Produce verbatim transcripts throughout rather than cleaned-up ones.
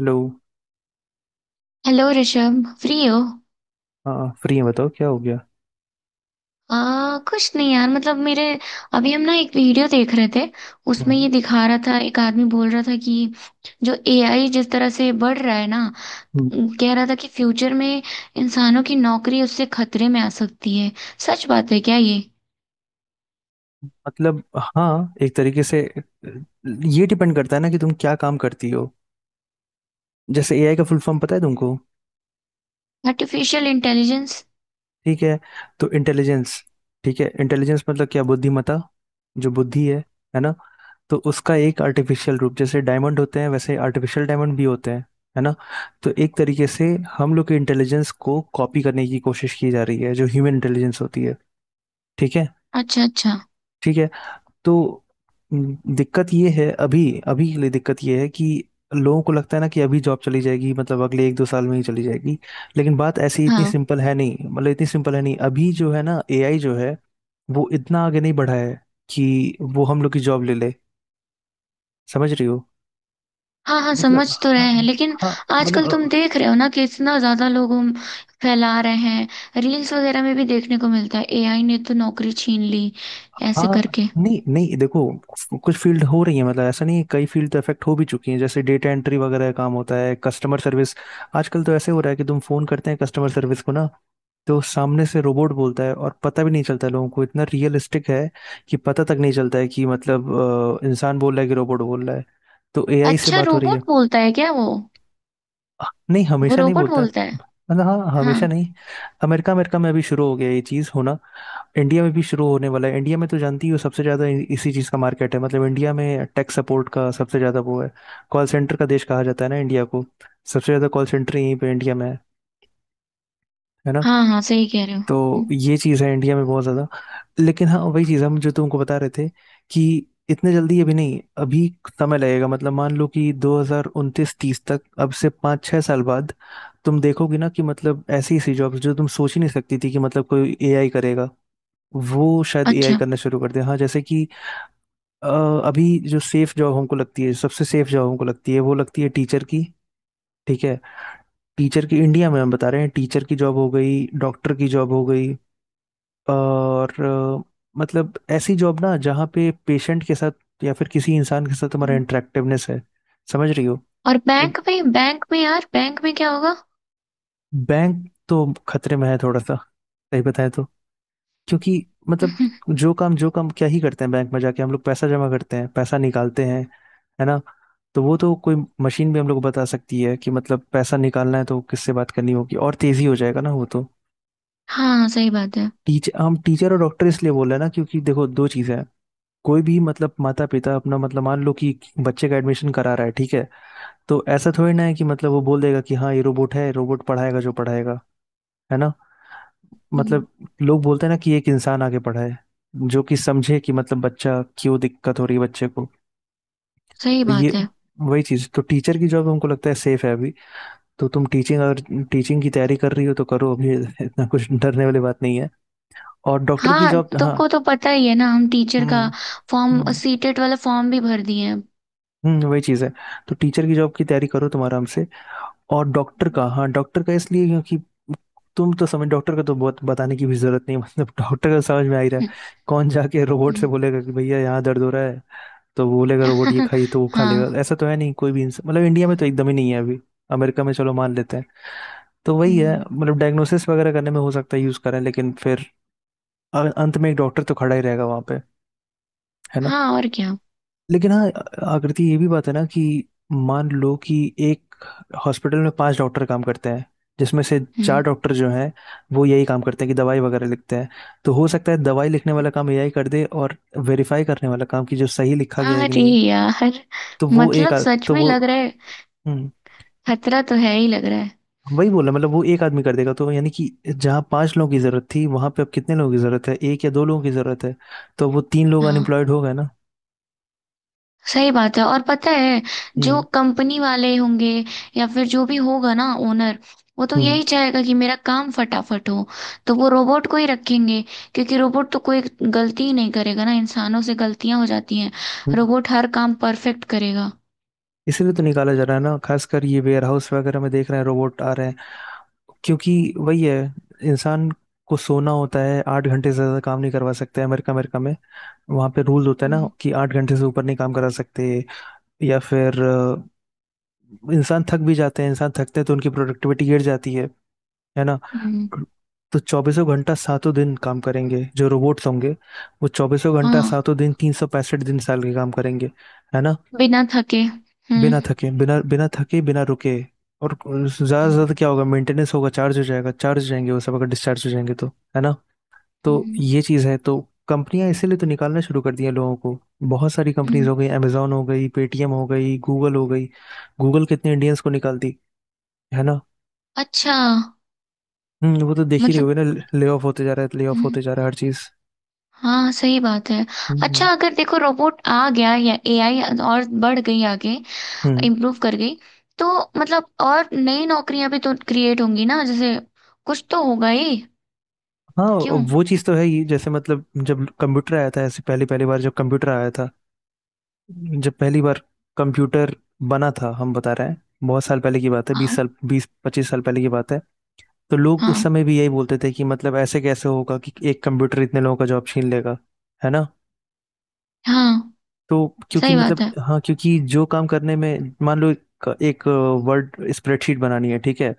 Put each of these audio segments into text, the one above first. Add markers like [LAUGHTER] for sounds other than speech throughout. Hello. Hello Rishabh, free हो? हाँ free है, बताओ क्या हो गया। आ, कुछ नहीं यार, मतलब मेरे अभी हम ना एक वीडियो देख रहे थे। उसमें हम्म ये दिखा रहा था, एक आदमी बोल रहा था कि जो ए आई जिस तरह से बढ़ रहा है ना, हम्म। कह रहा था कि फ्यूचर में इंसानों की नौकरी उससे खतरे में आ सकती है। सच बात है क्या ये? मतलब हाँ एक तरीके से। अ, ये डिपेंड करता है ना कि तुम क्या काम करती हो। जैसे एआई का फुल फॉर्म पता है तुमको? Artificial intelligence. ठीक है, तो इंटेलिजेंस। ठीक है, इंटेलिजेंस मतलब क्या? बुद्धिमत्ता, जो बुद्धि है है ना? तो उसका एक आर्टिफिशियल रूप, जैसे डायमंड होते हैं वैसे आर्टिफिशियल डायमंड भी होते हैं, है ना? तो एक तरीके से हम लोग के इंटेलिजेंस को कॉपी करने की कोशिश की जा रही है, जो ह्यूमन इंटेलिजेंस होती है। ठीक है। अच्छा, अच्छा। ठीक है, तो हम्म, दिक्कत ये है अभी। अभी के लिए दिक्कत ये है कि लोगों को लगता है ना कि अभी जॉब चली जाएगी, मतलब अगले एक दो साल में ही चली जाएगी। लेकिन बात ऐसी इतनी हाँ, सिंपल है नहीं, मतलब इतनी सिंपल है नहीं। अभी जो है ना एआई जो है, वो इतना आगे नहीं बढ़ा है कि वो हम लोग की जॉब ले ले। समझ रही हो? हाँ, हाँ समझ मतलब तो रहे हैं, हाँ। लेकिन हाँ। मतलब आजकल तुम अ, देख रहे हो ना कि इतना ज्यादा लोग हम फैला रहे हैं, रील्स वगैरह में भी देखने को मिलता है ए आई ने तो नौकरी छीन ली, ऐसे हाँ। करके। नहीं नहीं, देखो, कुछ फील्ड हो रही है, मतलब ऐसा नहीं है, कई फील्ड तो इफेक्ट हो भी चुकी हैं। जैसे डेटा एंट्री वगैरह का काम होता है, कस्टमर सर्विस। आजकल तो ऐसे हो रहा है कि तुम फोन करते हैं कस्टमर सर्विस को ना, तो सामने से रोबोट बोलता है और पता भी नहीं चलता है लोगों को, इतना रियलिस्टिक है कि पता तक नहीं चलता है कि मतलब अ, इंसान बोल रहा है कि रोबोट बोल रहा है। तो एआई से अच्छा, बात हो रही रोबोट है। बोलता है क्या वो? अ, नहीं, वो हमेशा नहीं रोबोट बोलता। बोलता है। मतलब हाँ, हाँ, हमेशा नहीं। अमेरिका अमेरिका में अभी शुरू हो गया ये चीज़ होना। इंडिया में भी शुरू होने वाला है। इंडिया में तो जानती हो सबसे ज़्यादा इ- इसी चीज़ का मार्केट है। मतलब इंडिया में टेक सपोर्ट का सबसे ज़्यादा वो है। कॉल सेंटर का देश कहा जाता है ना इंडिया को। सबसे ज़्यादा कॉल सेंटर यहीं पे इंडिया में है है ना? हाँ, हाँ सही कह रहे हो। तो हम्म। ये चीज़ है इंडिया में बहुत ज़्यादा। लेकिन हाँ, वही चीज़ हम जो तुमको बता रहे थे कि इतने जल्दी अभी नहीं। अभी समय लगेगा, मतलब मान लो कि दो हज़ार उनतीस तीस तक, अब से पाँच छः साल बाद तुम देखोगे ना कि मतलब ऐसी ऐसी जॉब्स जो तुम सोच ही नहीं सकती थी कि मतलब कोई एआई करेगा, वो शायद एआई अच्छा। करना शुरू कर दे। हाँ जैसे कि अ, अभी जो सेफ जॉब हमको लगती है, सबसे सेफ जॉब हमको लगती है, वो लगती है टीचर की। ठीक है, टीचर की। इंडिया में हम बता रहे हैं, टीचर की जॉब हो गई, डॉक्टर की जॉब हो गई। और अ, मतलब ऐसी जॉब ना जहाँ पे पेशेंट के साथ या फिर किसी इंसान के साथ हमारा हम्म। इंटरेक्टिवनेस है। समझ रही हो? और बैंक में, बैंक में यार, बैंक में क्या होगा? बैंक तो खतरे में है थोड़ा सा, सही बताएं तो। क्योंकि मतलब [LAUGHS] जो काम जो काम क्या ही करते हैं बैंक में जाके? हम लोग पैसा जमा करते हैं, पैसा निकालते हैं, है ना? तो वो तो कोई मशीन भी हम लोग को बता सकती है कि मतलब पैसा निकालना है तो किससे बात करनी होगी, और तेजी हो जाएगा ना वो तो। हाँ सही बात है। टीचर, हम टीचर और डॉक्टर इसलिए बोल रहे हैं ना क्योंकि देखो दो चीजें हैं। कोई भी मतलब माता पिता अपना मतलब मान लो कि बच्चे का एडमिशन करा रहा है, ठीक है, तो ऐसा थोड़ी ना है कि मतलब वो बोल देगा कि हाँ ये रोबोट है, रोबोट पढ़ाएगा जो पढ़ाएगा, है ना? हम्म। मतलब लोग बोलते हैं ना कि एक इंसान आगे पढ़ाए, जो कि समझे कि मतलब बच्चा क्यों दिक्कत हो रही है बच्चे को। सही तो ये, बात है। वही चीज तो, टीचर की जॉब हमको लगता है सेफ है अभी। तो तुम टीचिंग अगर टीचिंग की तैयारी कर रही हो तो करो अभी। [LAUGHS] इतना कुछ डरने वाली बात नहीं है। और डॉक्टर की हाँ जॉब, हाँ। तुमको तो पता ही है ना, हम टीचर का हम्म। फॉर्म, हम्म। सीटेट वाला फॉर्म भी भर दिए हैं। हम्म, वही चीज है। तो टीचर की जॉब की तैयारी करो तुम आराम से। और डॉक्टर का, हाँ, डॉक्टर का इसलिए क्योंकि तुम तो समझ, डॉक्टर का तो बहुत बताने की भी जरूरत नहीं है। [LAUGHS] मतलब डॉक्टर का समझ में आ ही रहा है। हम्म। कौन जाके रोबोट से हम्म। बोलेगा कि भैया यहाँ दर्द हो रहा है, तो वो बोलेगा रोबोट ये खाइए तो [LAUGHS] वो खा लेगा? हाँ। ऐसा तो है नहीं। कोई भी इंसान, मतलब इंडिया में तो एकदम ही नहीं है अभी। अमेरिका में चलो मान लेते हैं। तो वही है, हम्म। मतलब डायग्नोसिस वगैरह करने में हो सकता है यूज करें, लेकिन फिर अ- अंत में एक डॉक्टर तो खड़ा ही रहेगा वहां पे। है। हाँ और क्या। लेकिन हाँ आकृति, ये भी बात है ना कि मान लो कि एक हॉस्पिटल में पांच डॉक्टर काम करते हैं, जिसमें से चार हम्म। डॉक्टर जो हैं वो यही काम करते हैं कि दवाई वगैरह लिखते हैं, तो हो सकता है दवाई लिखने वाला काम एआई कर दे और वेरीफाई करने वाला काम कि जो सही लिखा गया है कि अरे नहीं, यार, तो वो एक मतलब आ, सच तो में वो, लग रहा है, हम्म, खतरा तो है ही, लग रहा है। वही बोला, मतलब वो एक आदमी कर देगा, तो यानी कि जहाँ पांच लोगों की जरूरत थी वहां पे अब कितने लोगों की जरूरत है? एक या दो लोगों की जरूरत है। तो वो तीन लोग हाँ अनएम्प्लॉयड हो गए ना। सही बात है। और पता है जो हम्म। कंपनी वाले होंगे या फिर जो भी होगा ना, ओनर, वो तो हम्म। यही चाहेगा कि मेरा काम फटाफट हो, तो वो रोबोट को ही रखेंगे, क्योंकि रोबोट तो कोई गलती ही नहीं करेगा ना, इंसानों से गलतियां हो जाती हैं। हम्म। रोबोट हर काम परफेक्ट करेगा। इसीलिए तो निकाला जा रहा है ना, खासकर ये वेयर हाउस वगैरह में देख रहे हैं रोबोट आ रहे हैं। क्योंकि वही है, इंसान को सोना होता है, आठ घंटे से ज्यादा काम नहीं करवा सकते। अमेरिका अमेरिका में वहां पे रूल होता है ना हम्म। कि आठ घंटे से ऊपर नहीं काम करा सकते। या फिर अ, इंसान थक भी जाते हैं, इंसान थकते हैं तो उनकी प्रोडक्टिविटी गिर जाती है है ना? हम्म। तो चौबीसों घंटा सातों दिन काम करेंगे जो रोबोट्स होंगे, वो चौबीसों घंटा हाँ। सातों दिन तीन सौ पैंसठ दिन साल के काम करेंगे, है ना? बिना थके। हम्म। बिना थके, बिना बिना थके, बिना रुके। और ज्यादा से हम्म। ज्यादा क्या होगा, मेंटेनेंस होगा, चार्ज हो जाएगा, चार्ज हो जाएंगे वो सब, अगर डिस्चार्ज हो जाएंगे तो, है ना? तो हम्म। ये चीज़ है। तो कंपनियां इसीलिए तो निकालना शुरू कर दी हैं लोगों को। बहुत सारी कंपनीज हम्म। हो गई, अमेजोन हो गई, पेटीएम हो गई, गूगल हो गई। गूगल कितने इंडियंस को निकालती, है ना? अच्छा। हम्म, वो तो देख ही रहे मतलब। हो ना। ले ऑफ होते जा रहा है, ले ऑफ होते हम्म। जा रहा है हर चीज़। हाँ सही बात है। अच्छा, हम्म। अगर देखो रोबोट आ गया या ए आई और बढ़ गई आगे, हम्म। इम्प्रूव कर गई, तो मतलब और नई नौकरियां भी तो क्रिएट होंगी ना, जैसे कुछ तो होगा ही, हाँ, क्यों? वो चीज़ तो है ही। जैसे मतलब जब कंप्यूटर आया था, ऐसे पहली पहली बार जब कंप्यूटर आया था, जब पहली बार कंप्यूटर बना था, हम बता रहे हैं, बहुत साल पहले की बात है, बीस हाँ, साल बीस पच्चीस साल पहले की बात है। तो लोग उस हाँ, समय भी यही बोलते थे कि मतलब ऐसे कैसे होगा कि एक कंप्यूटर इतने लोगों का जॉब छीन लेगा, है ना? हाँ तो क्योंकि सही बात मतलब है। हाँ, क्योंकि जो काम करने में मान लो एक, एक वर्ड स्प्रेडशीट बनानी है, ठीक है,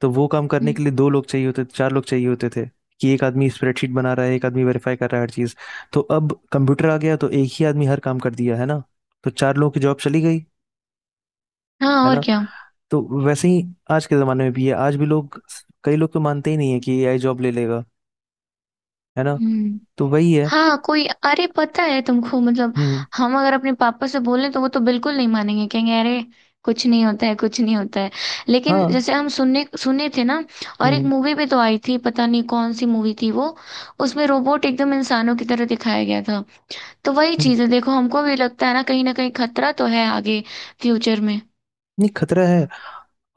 तो वो काम करने हम्म। के लिए दो लोग चाहिए होते थे, चार लोग चाहिए होते थे कि एक आदमी स्प्रेडशीट बना रहा है, एक आदमी वेरीफाई कर रहा है हर चीज़। तो अब कंप्यूटर आ गया तो एक ही आदमी हर काम कर दिया है ना, तो चार लोगों की जॉब चली गई, हाँ है और ना? क्या। तो वैसे ही आज के जमाने में भी है। आज भी लोग, कई लोग तो मानते ही नहीं है कि एआई जॉब ले लेगा, है ना? हम्म। तो वही है। हाँ कोई, अरे पता है तुमको, मतलब हम्म। हम अगर अपने पापा से बोलें तो वो तो बिल्कुल नहीं मानेंगे, कहेंगे अरे कुछ नहीं होता है, कुछ नहीं होता है। लेकिन हाँ। जैसे हम सुनने सुने थे ना, और एक हम्म। मूवी भी तो आई थी, पता नहीं कौन सी मूवी थी वो, उसमें रोबोट एकदम इंसानों की तरह दिखाया गया था। तो वही हम्म। चीज़ है, देखो हमको भी लगता है ना, कहीं ना कहीं खतरा तो है आगे, फ्यूचर में। नहीं, खतरा है।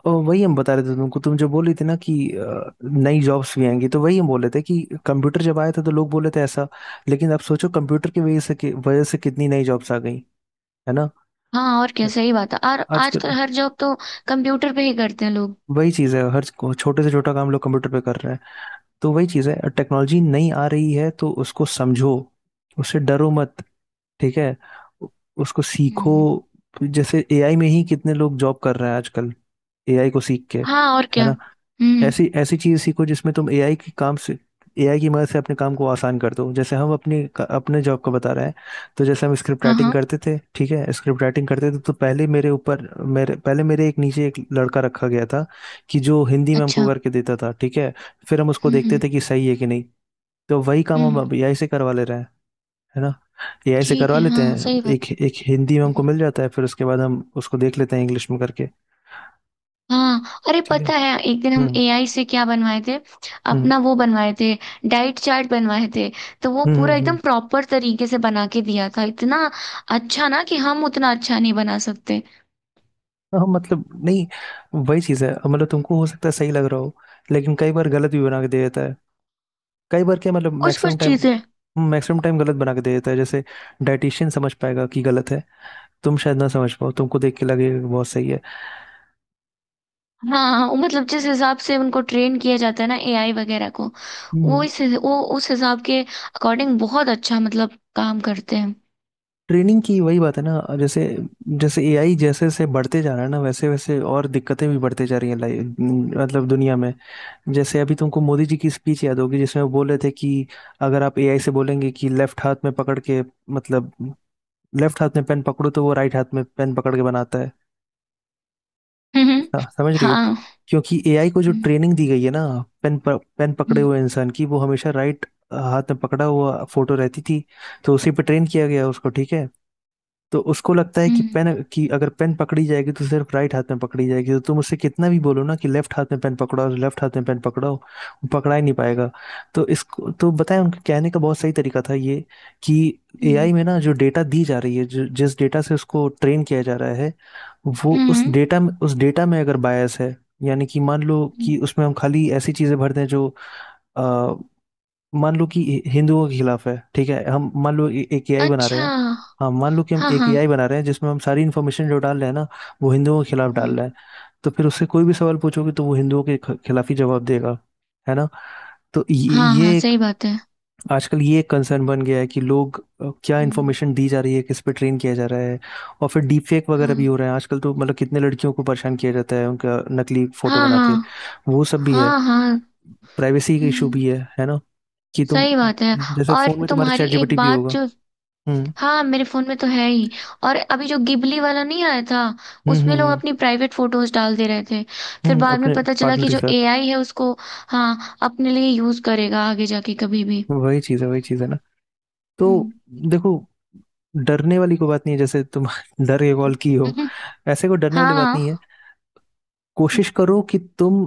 और वही हम बता रहे थे तुमको, तुम जो बोल रही थी ना कि अ, नई जॉब्स भी आएंगी, तो वही हम बोल रहे थे कि कंप्यूटर जब आया था तो लोग बोले थे ऐसा, लेकिन अब सोचो कंप्यूटर की वजह से कि- वजह से कितनी नई जॉब्स आ गई, है ना? हाँ और क्या, सही बात है, और आजकल आजकल हर जॉब तो कंप्यूटर पे ही करते हैं लोग। वही चीज़ है, हर को- छोटे से छोटा काम लोग कंप्यूटर पे कर रहे हैं। तो वही चीज़ है, टेक्नोलॉजी नई आ रही है तो उसको समझो, उससे डरो मत। ठीक है? उ- उसको सीखो। हम्म। जैसे एआई में ही कितने लोग जॉब कर रहे हैं आजकल, एआई को सीख के, हाँ और है क्या। ना? हम्म। ऐसी ऐसी चीज सीखो जिसमें तुम एआई की काम से, एआई की मदद से अपने काम को आसान कर दो। जैसे हम अपने अपने जॉब का बता रहे हैं, तो जैसे हम स्क्रिप्ट हाँ, राइटिंग हाँ। करते थे, ठीक है, स्क्रिप्ट राइटिंग करते थे, तो पहले मेरे ऊपर, मेरे पहले मेरे एक नीचे एक लड़का रखा गया था कि जो हिंदी में हमको अच्छा। करके देता था, ठीक है, फिर हम उसको हम्म। देखते हम्म। थे कि सही है कि नहीं। तो वही काम हम हम्म। अब एआई से करवा ले रहे हैं, है ना? ये ऐसे ठीक करवा है। लेते हाँ हैं, सही बात एक है। एक हिंदी में हमको हम्म। मिल जाता है, फिर उसके बाद हम उसको देख लेते हैं इंग्लिश में करके। हाँ, अरे ठीक है। पता है एक दिन हम हम्म। ए आई से क्या बनवाए थे? हम्म। अपना वो बनवाए थे, डाइट चार्ट बनवाए थे, तो वो हम्म। पूरा हम्म। हम्म। एकदम प्रॉपर तरीके से बना के दिया था। इतना अच्छा ना, कि हम उतना अच्छा नहीं बना सकते। हाँ मतलब नहीं, वही चीज़ है, मतलब तुमको हो सकता है सही लग रहा हो, लेकिन कई बार गलत भी बना के दे देता है। कई बार क्या, मतलब कुछ मैक्सिमम कुछ टाइम, चीजें। मैक्सिमम टाइम गलत बना के दे देता है। जैसे डाइटिशियन समझ पाएगा कि गलत है तुम शायद ना समझ पाओ। तुमको देख के लगेगा कि बहुत सही है। हाँ, वो मतलब जिस हिसाब से उनको ट्रेन किया जाता है ना, ए आई वगैरह को, वो हम्म। इस वो उस हिसाब के अकॉर्डिंग बहुत अच्छा मतलब काम करते हैं। ट्रेनिंग की वही बात है ना, जैसे जैसे एआई जैसे जैसे बढ़ते जा रहा है ना, वैसे वैसे और दिक्कतें भी बढ़ते जा रही हैं लाइफ, मतलब दुनिया में। जैसे अभी तुमको मोदी जी की स्पीच याद होगी जिसमें वो बोल रहे थे कि अगर आप एआई से बोलेंगे कि लेफ्ट हाथ में पकड़ के, मतलब लेफ्ट हाथ में पेन पकड़ो, तो वो राइट हाथ में पेन पकड़ के बनाता है। हम्म। हाँ, समझ रही हो? हाँ। क्योंकि एआई को जो हम्म। ट्रेनिंग दी गई है ना, पेन पेन पकड़े हम्म। हुए इंसान की वो हमेशा राइट हाथ में पकड़ा हुआ फोटो रहती थी। तो उसी पे ट्रेन किया गया उसको, ठीक है? तो उसको लगता है कि हम्म। पेन कि अगर पेन पकड़ी जाएगी तो सिर्फ राइट हाथ में पकड़ी जाएगी। तो तुम उससे कितना भी बोलो ना कि लेफ्ट हाथ में पेन पकड़ाओ, लेफ्ट हाथ में पेन पकड़ाओ, वो पकड़ा ही नहीं पाएगा। तो इसको तो बताएं, उनके कहने का बहुत सही तरीका था ये। कि हम्म। एआई में ना जो डेटा दी जा रही है, जो जिस डेटा से उसको ट्रेन किया जा रहा है, वो उस हम्म। डेटा में उस डेटा में अगर बायस है, यानी कि मान लो हम्म। कि उसमें हम खाली ऐसी चीजें भर दें जो, मान लो कि हि- हिंदुओं के खिलाफ है। ठीक है, हम मान लो ए- एक एआई बना रहे अच्छा। हैं। हाँ, मान लो कि हम हाँ, एक एआई हाँ। बना रहे हैं जिसमें हम सारी इन्फॉर्मेशन जो डाल रहे हैं ना, वो हिंदुओं के खिलाफ डाल हम्म। रहे हैं। तो फिर उससे कोई भी सवाल पूछोगे तो वो हिंदुओं के ख- खिलाफ ही जवाब देगा, है ना? तो ये हाँ, हाँ ये एक, सही बात है। आजकल ये एक कंसर्न बन गया है कि लोग, अ, क्या हम्म। इन्फॉर्मेशन दी जा रही है, किस पे ट्रेन किया जा रहा है। और फिर डीप फेक वगैरह भी हो हाँ, रहे हैं आजकल, तो मतलब कितने लड़कियों को परेशान किया जाता है उनका नकली फोटो हाँ, बना हाँ, के, वो सब भी है। हाँ, हाँ, हाँ। प्राइवेसी का इशू हम्म। भी है है ना? कि तुम, सही बात है। जैसे और फोन में तुम्हारा तुम्हारी चैट एक जीपीटी भी बात होगा। जो, हम्म, हाँ मेरे फोन में तो है ही। और अभी जो गिबली वाला नहीं आया था, हम्म, हम्म, उसमें लोग हम्म, अपनी प्राइवेट फोटोज डाल दे रहे थे। फिर हम्म, बाद में अपने पता चला पार्टनर कि के जो साथ। एआई है उसको, हाँ, अपने लिए यूज करेगा आगे जाके कभी भी। वही चीज है, वही चीज है ना। तो हम्म। देखो, डरने वाली कोई बात नहीं है, जैसे तुम [LAUGHS] डर के कॉल की हो, हम्म। ऐसे कोई डरने वाली हाँ, बात नहीं है। हाँ। कोशिश करो कि तुम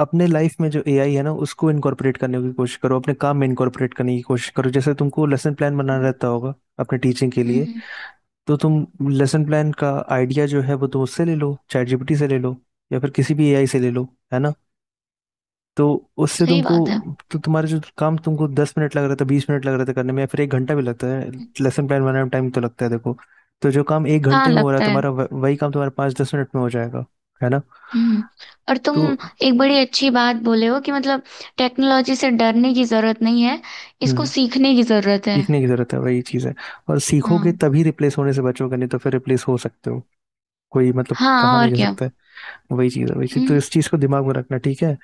अपने लाइफ में जो एआई है ना उसको इनकॉर्पोरेट करने की कोशिश करो, अपने काम में इनकॉर्पोरेट करने की कोशिश करो। जैसे तुमको लेसन प्लान बनाना हम्म। रहता होगा अपने टीचिंग के हम्म। लिए, हम्म। तो तुम लेसन प्लान का आइडिया जो है वो तो उससे ले लो, चैट जीपीटी से ले लो या फिर किसी भी एआई से ले लो। है ना? तो उससे सही तुमको, बात है। तो तुम्हारा जो काम तुमको दस मिनट लग रहा था, बीस मिनट लग रहा था करने में, या फिर एक घंटा भी लगता है, लेसन प्लान बनाने में टाइम तो लगता है देखो, तो जो काम एक हाँ घंटे में हो रहा है लगता है। तुम्हारा, वह- वही काम तुम्हारा पाँच दस मिनट में हो जाएगा, है ना? हम्म। और तुम तो एक बड़ी अच्छी बात बोले हो कि मतलब टेक्नोलॉजी से डरने की जरूरत नहीं है, इसको हम्म, सीखने की जरूरत है। सीखने की जरूरत है, वही चीज़ है। और सीखोगे हाँ, तभी रिप्लेस होने से बचोगे, नहीं तो फिर रिप्लेस हो सकते हो, कोई मतलब कहा हाँ नहीं और जा क्या। सकता है। वही चीज़ है, वही चीज़, तो हम्म। इस चीज़ को दिमाग में रखना। ठीक है।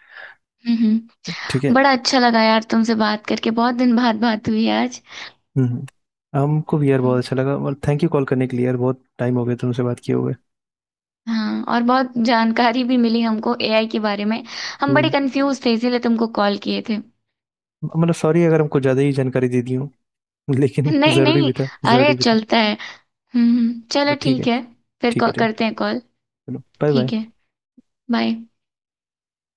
हम्म। हम्म। ठीक है। बड़ा अच्छा लगा यार तुमसे बात करके, बहुत दिन बाद बात हुई आज। हम्म। हमको भी यार बहुत हम्म। अच्छा लगा, और थैंक यू कॉल करने के लिए यार, बहुत टाइम हो गया तुमसे बात किए हुए। हाँ, और बहुत जानकारी भी मिली हमको ए आई के बारे में। हम बड़े हम्म। कंफ्यूज थे इसीलिए तुमको कॉल किए थे। मतलब सॉरी अगर हमको ज़्यादा ही जानकारी दे दी हूँ, लेकिन [LAUGHS] नहीं, ज़रूरी नहीं, भी था, अरे ज़रूरी भी था। चलता है। हम्म, हम्म, चलो बट ठीक है। ठीक है। फिर ठीक है। कॉ- ठीक है। करते हैं कॉल। चलो, बाय बाय। ठीक है। बाय।